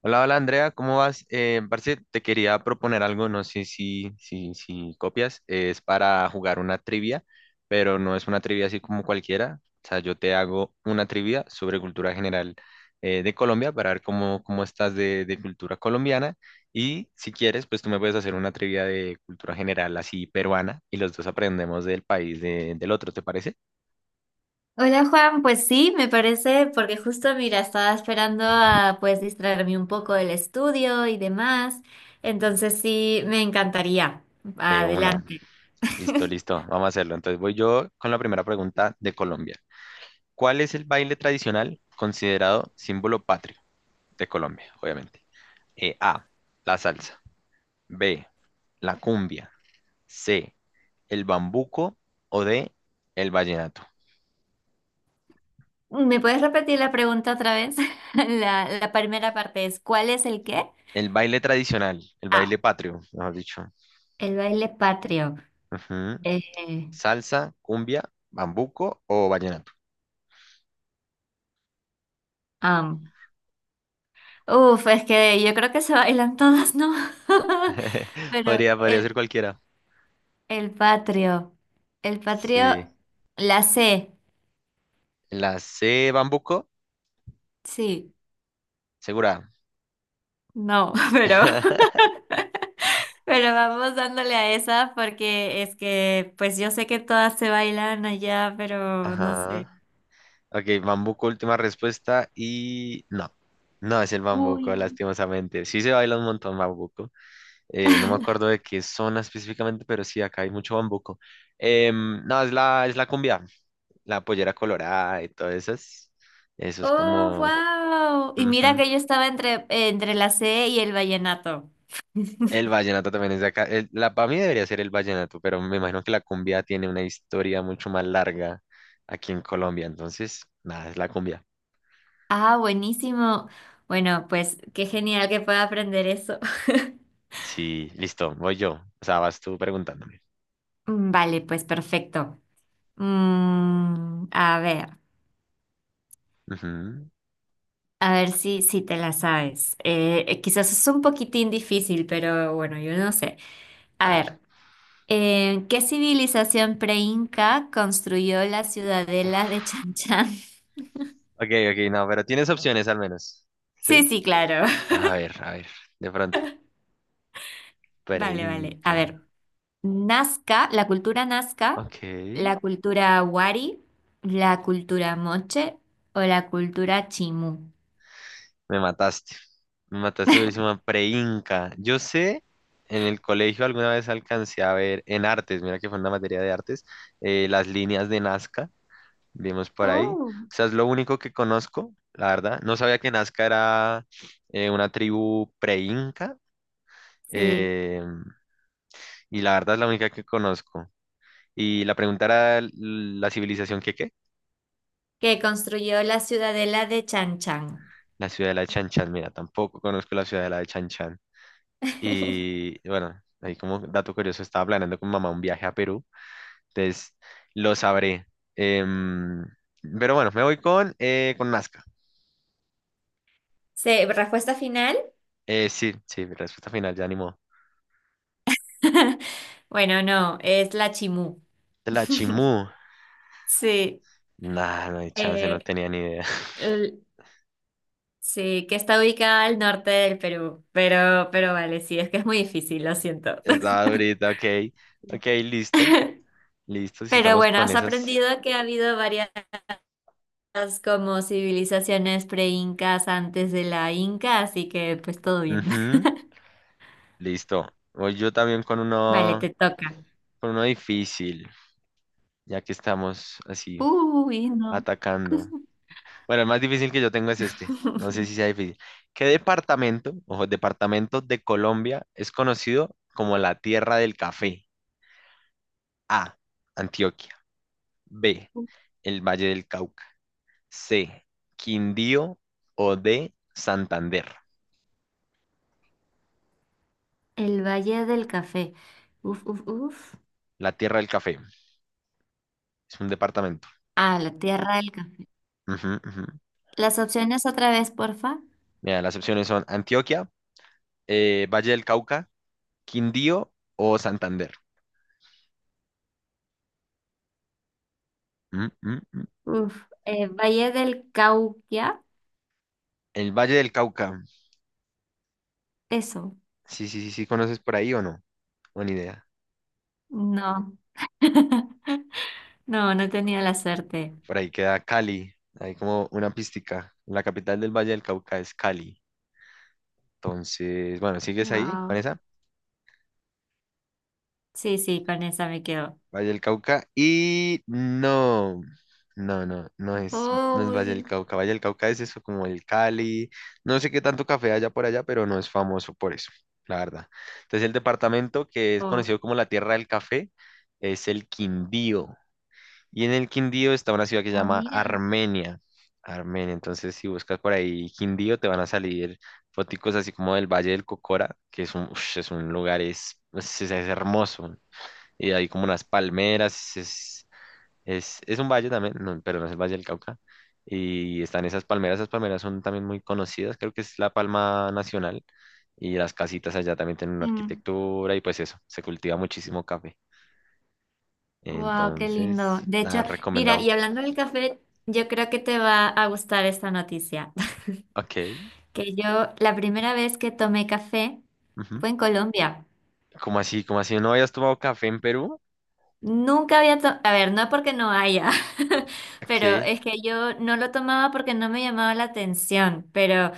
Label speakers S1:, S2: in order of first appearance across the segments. S1: Hola, hola Andrea, ¿cómo vas? Parce, te quería proponer algo, no sé si copias, es para jugar una trivia, pero no es una trivia así como cualquiera, o sea, yo te hago una trivia sobre cultura general de Colombia para ver cómo estás de cultura colombiana y si quieres, pues tú me puedes hacer una trivia de cultura general así peruana y los dos aprendemos del país del otro, ¿te parece?
S2: Hola Juan, pues sí, me parece, porque justo mira, estaba esperando a pues distraerme un poco del estudio y demás, entonces sí, me encantaría.
S1: De una,
S2: Adelante.
S1: listo, listo, vamos a hacerlo. Entonces voy yo con la primera pregunta de Colombia. ¿Cuál es el baile tradicional considerado símbolo patrio de Colombia, obviamente? A, la salsa. B, la cumbia. C, el bambuco. O D, el vallenato.
S2: ¿Me puedes repetir la pregunta otra vez? La primera parte es, ¿cuál es el qué?
S1: El baile tradicional, el
S2: Ah,
S1: baile patrio, mejor dicho.
S2: el baile patrio.
S1: Ujú.
S2: Eh,
S1: Salsa, cumbia, bambuco o vallenato.
S2: am. Uf, es que yo creo que se bailan todas, ¿no? Pero
S1: Podría ser cualquiera.
S2: el patrio, el
S1: Sí.
S2: patrio, la C,
S1: La C, bambuco,
S2: sí.
S1: segura.
S2: No, pero vamos dándole a esa porque es que, pues yo sé que todas se bailan allá, pero no sé.
S1: Ajá. Ok, bambuco, última respuesta y no. No es el
S2: Uy.
S1: bambuco, lastimosamente. Sí se baila un montón bambuco. No me acuerdo de qué zona específicamente, pero sí, acá hay mucho bambuco. No, es la cumbia, la pollera colorada y todas esas. Eso es
S2: Oh,
S1: como...
S2: wow. Y mira
S1: Ujú.
S2: que yo estaba entre, entre la C y el vallenato.
S1: El vallenato también es de acá. La, para mí debería ser el vallenato, pero me imagino que la cumbia tiene una historia mucho más larga aquí en Colombia. Entonces, nada, es la cumbia.
S2: Ah, buenísimo. Bueno, pues qué genial que pueda aprender eso.
S1: Sí, listo, voy yo. O sea, vas tú preguntándome.
S2: Mm, vale, pues perfecto. Mm,
S1: Ujú.
S2: a ver si, si te la sabes. Quizás es un poquitín difícil, pero bueno, yo no sé. A
S1: A ver.
S2: ver. ¿Qué civilización pre-inca construyó la ciudadela
S1: Uf.
S2: de Chan Chan?
S1: Ok, ok, no, pero tienes opciones al menos. ¿Sí?
S2: Sí, sí, claro.
S1: A ver, de pronto.
S2: Vale, vale. A
S1: Preinca.
S2: ver, Nazca,
S1: Ok.
S2: la cultura Wari, la cultura Moche o la cultura Chimú.
S1: Me mataste. Me mataste durísima. Preinca. Yo sé, en el colegio alguna vez alcancé a ver en artes, mira que fue una materia de artes, las líneas de Nazca, vimos por ahí.
S2: Oh,
S1: O sea, es lo único que conozco, la verdad. No sabía que Nazca era una tribu preinca.
S2: sí.
S1: eh, y la verdad es la única que conozco. Y la pregunta era ¿la civilización que qué?
S2: Que construyó la ciudadela de Chan Chan.
S1: La ciudad de la de Chan Chan. Mira, tampoco conozco la ciudad de la de Chan Chan. Y bueno, ahí como dato curioso, estaba planeando con mamá un viaje a Perú. Entonces, lo sabré. Em, pero bueno, me voy con Nazca.
S2: Sí, respuesta final.
S1: Sí, sí, mi respuesta final, ya animó.
S2: Bueno, no, es la Chimú.
S1: De la Chimú.
S2: Sí.
S1: Nah, no hay chance,
S2: Eh,
S1: no tenía ni idea.
S2: l- Sí, que está ubicada al norte del Perú, pero vale, sí, es que es muy difícil, lo siento.
S1: Estaba ahorita ok. Ok, listo. Listo, si
S2: Pero
S1: estamos
S2: bueno,
S1: con
S2: has
S1: esas.
S2: aprendido que ha habido varias como civilizaciones pre-incas antes de la Inca, así que pues todo bien.
S1: Ujú, listo. Voy yo también con
S2: Vale,
S1: uno.
S2: te toca.
S1: Por uno difícil, ya que estamos así
S2: Uy, no.
S1: atacando. Bueno, el más difícil que yo tengo es este. No sé si sea difícil. ¿Qué departamento, ojo, departamento de Colombia es conocido como la tierra del café? A. Antioquia. B. El Valle del Cauca. C. Quindío o D. Santander.
S2: El Valle del Café. Uf, uf, uf.
S1: La tierra del café. Es un departamento.
S2: Ah, la Tierra del Café.
S1: Ujú, ujú.
S2: Las opciones otra vez, porfa.
S1: Mira, las opciones son Antioquia, Valle del Cauca, Quindío o Santander. Mm, mm, mm.
S2: Uf, Valle del Cauquia.
S1: El Valle del Cauca.
S2: Eso.
S1: Sí, sí, sí, sí, ¿conoces por ahí o no? Buena idea.
S2: No. No, no tenía la suerte.
S1: Por ahí queda Cali. Hay como una pística. La capital del Valle del Cauca es Cali. Entonces, bueno, ¿sigues ahí con
S2: Wow.
S1: esa?
S2: Sí, sí, con esa me quedo.
S1: Valle del Cauca. Y no, no, no, no es, no es Valle del
S2: Uy.
S1: Cauca. Valle del Cauca es eso, como el Cali. No sé qué tanto café haya por allá, pero no es famoso por eso, la verdad. Entonces, el departamento que es
S2: Oh,
S1: conocido como la Tierra del Café es el Quindío. Y en el Quindío está una ciudad que se
S2: oh,
S1: llama
S2: mira.
S1: Armenia. Armenia. Entonces, si buscas por ahí Quindío, te van a salir foticos así como del Valle del Cocora, que es un, ush, es un lugar, es hermoso. Y hay como unas palmeras, es un valle también, no, pero no es el Valle del Cauca. Y están esas palmeras son también muy conocidas, creo que es la palma nacional. Y las casitas allá también tienen una arquitectura y pues eso, se cultiva muchísimo café.
S2: Wow, qué
S1: Entonces,
S2: lindo. De
S1: nada,
S2: hecho, mira,
S1: recomendado.
S2: y hablando del café, yo creo que te va a gustar esta noticia.
S1: Ok.
S2: Que yo, la primera vez que tomé café
S1: Ujú.
S2: fue en Colombia.
S1: ¿Cómo así? ¿Cómo así? ¿No habías tomado café en Perú?
S2: Nunca había tomado, a ver, no porque no haya, pero
S1: ¿Qué?
S2: es que yo no lo tomaba porque no me llamaba la atención, pero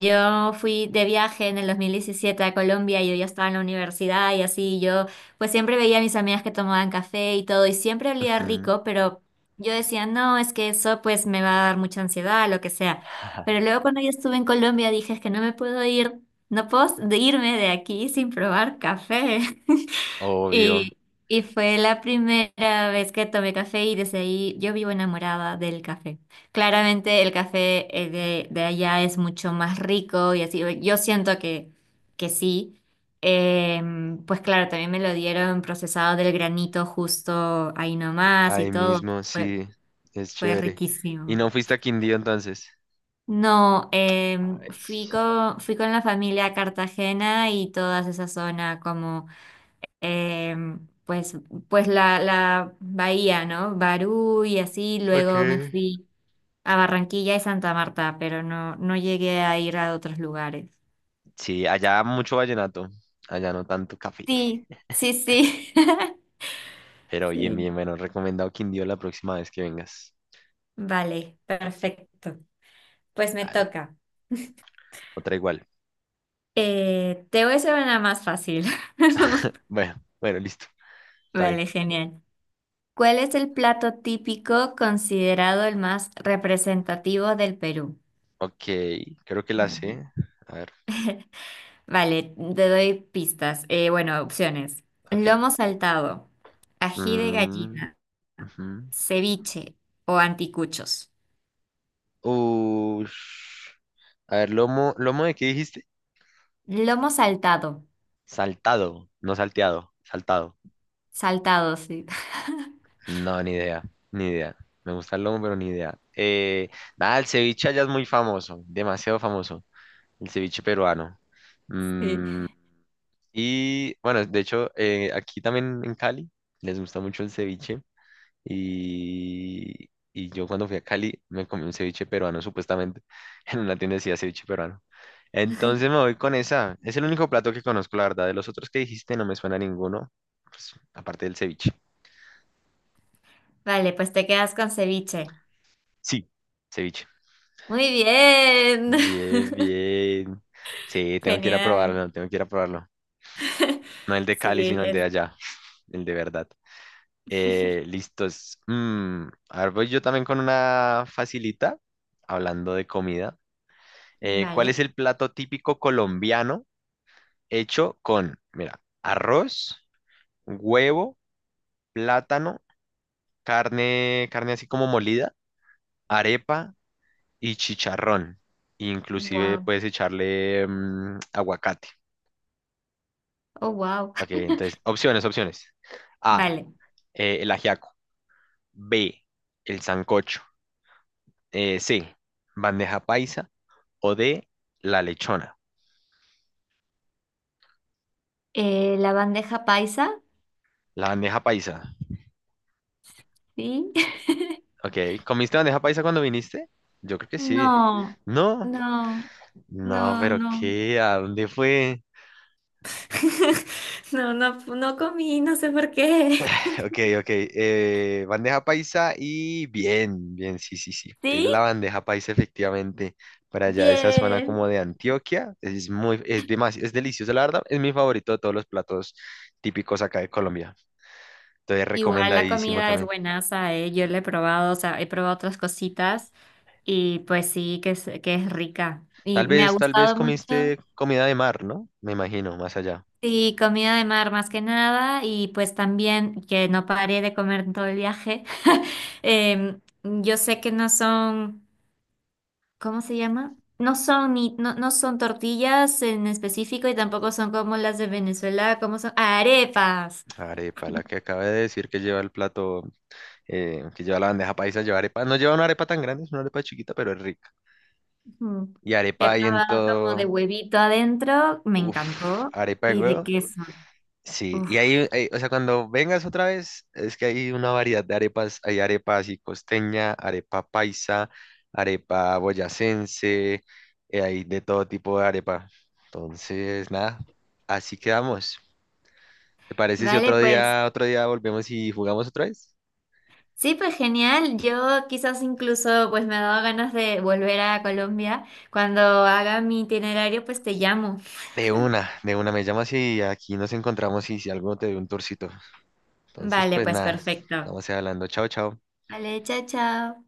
S2: yo fui de viaje en el 2017 a Colombia y yo ya estaba en la universidad y así yo pues siempre veía a mis amigas que tomaban café y todo y siempre olía
S1: Ujú.
S2: rico, pero yo decía, no, es que eso pues me va a dar mucha ansiedad, lo que sea. Pero luego cuando yo estuve en Colombia dije, es que no me puedo ir, no puedo de irme de aquí sin probar café.
S1: Obvio.
S2: Y, y fue la primera vez que tomé café y desde ahí yo vivo enamorada del café. Claramente el café de allá es mucho más rico y así, yo siento que sí. Em, pues claro, también me lo dieron procesado del granito justo ahí nomás y
S1: Ahí
S2: todo.
S1: mismo,
S2: Fue,
S1: sí. Es
S2: fue
S1: chévere. ¿Y
S2: riquísimo.
S1: no fuiste a Quindío entonces?
S2: No, em,
S1: Ay.
S2: fui con la familia a Cartagena y toda esa zona como em, pues la bahía, ¿no? Barú y así,
S1: Ok.
S2: luego me fui a Barranquilla y Santa Marta, pero no, no llegué a ir a otros lugares.
S1: Sí, allá mucho vallenato. Allá no tanto café.
S2: Sí, sí, sí.
S1: Pero bien,
S2: Sí.
S1: bien, bueno. Recomendado Quindío la próxima vez que vengas.
S2: Vale, perfecto. Pues me
S1: Dale.
S2: toca.
S1: Otra igual.
S2: Te voy a hacer una más fácil.
S1: Bueno, bueno, listo. Está bien.
S2: Vale, genial. ¿Cuál es el plato típico considerado el más representativo del Perú?
S1: Ok. Creo que la
S2: Vale.
S1: sé. A ver.
S2: Vale, te doy pistas. Bueno, opciones.
S1: Ok.
S2: Lomo saltado, ají de
S1: Mm,
S2: gallina,
S1: ujú.
S2: ceviche o anticuchos.
S1: Ush. A ver, lomo, ¿lomo de qué dijiste?
S2: Lomo saltado.
S1: Saltado, no salteado, saltado.
S2: Saltado, sí.
S1: No, ni idea, ni idea. Me gusta el lomo, pero ni idea. Nada, el ceviche allá es muy famoso, demasiado famoso. El ceviche peruano.
S2: Sí.
S1: Mm, y bueno, de hecho, aquí también en Cali les gusta mucho el ceviche. Y yo cuando fui a Cali me comí un ceviche peruano, supuestamente. En una tienda decía ceviche peruano. Entonces me voy con esa. Es el único plato que conozco, la verdad. De los otros que dijiste no me suena ninguno, pues, aparte del ceviche.
S2: Vale, pues te quedas con ceviche.
S1: Sí. Ceviche.
S2: Muy bien.
S1: Bien, bien. Sí, tengo que ir a
S2: Genial.
S1: probarlo, tengo que ir a probarlo. No el de Cali,
S2: Sí,
S1: sino el de
S2: es...
S1: allá, el de verdad. Listos. A ver, voy yo también con una facilita, hablando de comida. ¿Cuál es
S2: Vale.
S1: el plato típico colombiano hecho con, mira, arroz, huevo, plátano, carne así como molida, arepa y chicharrón? Inclusive
S2: Wow.
S1: puedes echarle aguacate.
S2: Oh, wow.
S1: Ok, entonces, opciones, opciones. A,
S2: Vale.
S1: el ajiaco. B, el sancocho. C, bandeja paisa. O D, la lechona.
S2: La bandeja paisa,
S1: La bandeja paisa.
S2: sí.
S1: Ok, ¿comiste bandeja paisa cuando viniste? Yo creo que sí.
S2: No,
S1: No,
S2: no, no,
S1: no, pero
S2: no.
S1: ¿qué? ¿A dónde fue?
S2: No, no, no comí, no sé por qué.
S1: Ok, ok. Bandeja paisa y bien, bien, sí, sí, sí. Es la
S2: ¿Sí?
S1: bandeja paisa efectivamente. Para allá de esa zona como
S2: Bien.
S1: de Antioquia. Es muy, es demasiado, es delicioso, la verdad. Es mi favorito de todos los platos típicos acá de Colombia. Entonces,
S2: Igual la
S1: recomendadísimo
S2: comida es
S1: también.
S2: buenaza, yo la he probado, o sea, he probado otras cositas y pues sí, que es rica. Y me ha
S1: Tal vez
S2: gustado mucho.
S1: comiste comida de mar, ¿no? Me imagino, más allá.
S2: Sí, comida de mar más que nada y pues también que no paré de comer en todo el viaje. Em, yo sé que no son... ¿Cómo se llama? No son ni, no, no son tortillas en específico y tampoco son como las de Venezuela, como son arepas.
S1: Arepa, la que acaba de decir que lleva el plato, que lleva la bandeja paisa, lleva arepa. No lleva una arepa tan grande, es una arepa chiquita, pero es rica.
S2: Ujú.
S1: Y
S2: He
S1: arepa ahí en
S2: probado como de
S1: todo.
S2: huevito adentro, me
S1: Uf,
S2: encantó,
S1: arepa de
S2: y de
S1: huevo.
S2: queso.
S1: Sí,
S2: Uf.
S1: y ahí, ahí, o sea, cuando vengas otra vez, es que hay una variedad de arepas. Hay arepa así costeña, arepa paisa, arepa boyacense, hay de todo tipo de arepa. Entonces, nada, así quedamos. ¿Te parece si
S2: Vale,
S1: otro
S2: pues
S1: día, otro día volvemos y jugamos otra vez?
S2: sí, pues genial. Yo quizás incluso pues me ha dado ganas de volver a Colombia. Cuando haga mi itinerario, pues te llamo.
S1: De una, me llamas y aquí nos encontramos y si algo te doy un tourcito. Entonces,
S2: Vale,
S1: pues
S2: pues
S1: nada,
S2: perfecto.
S1: estamos hablando. Chao, chao.
S2: Vale, chao, chao.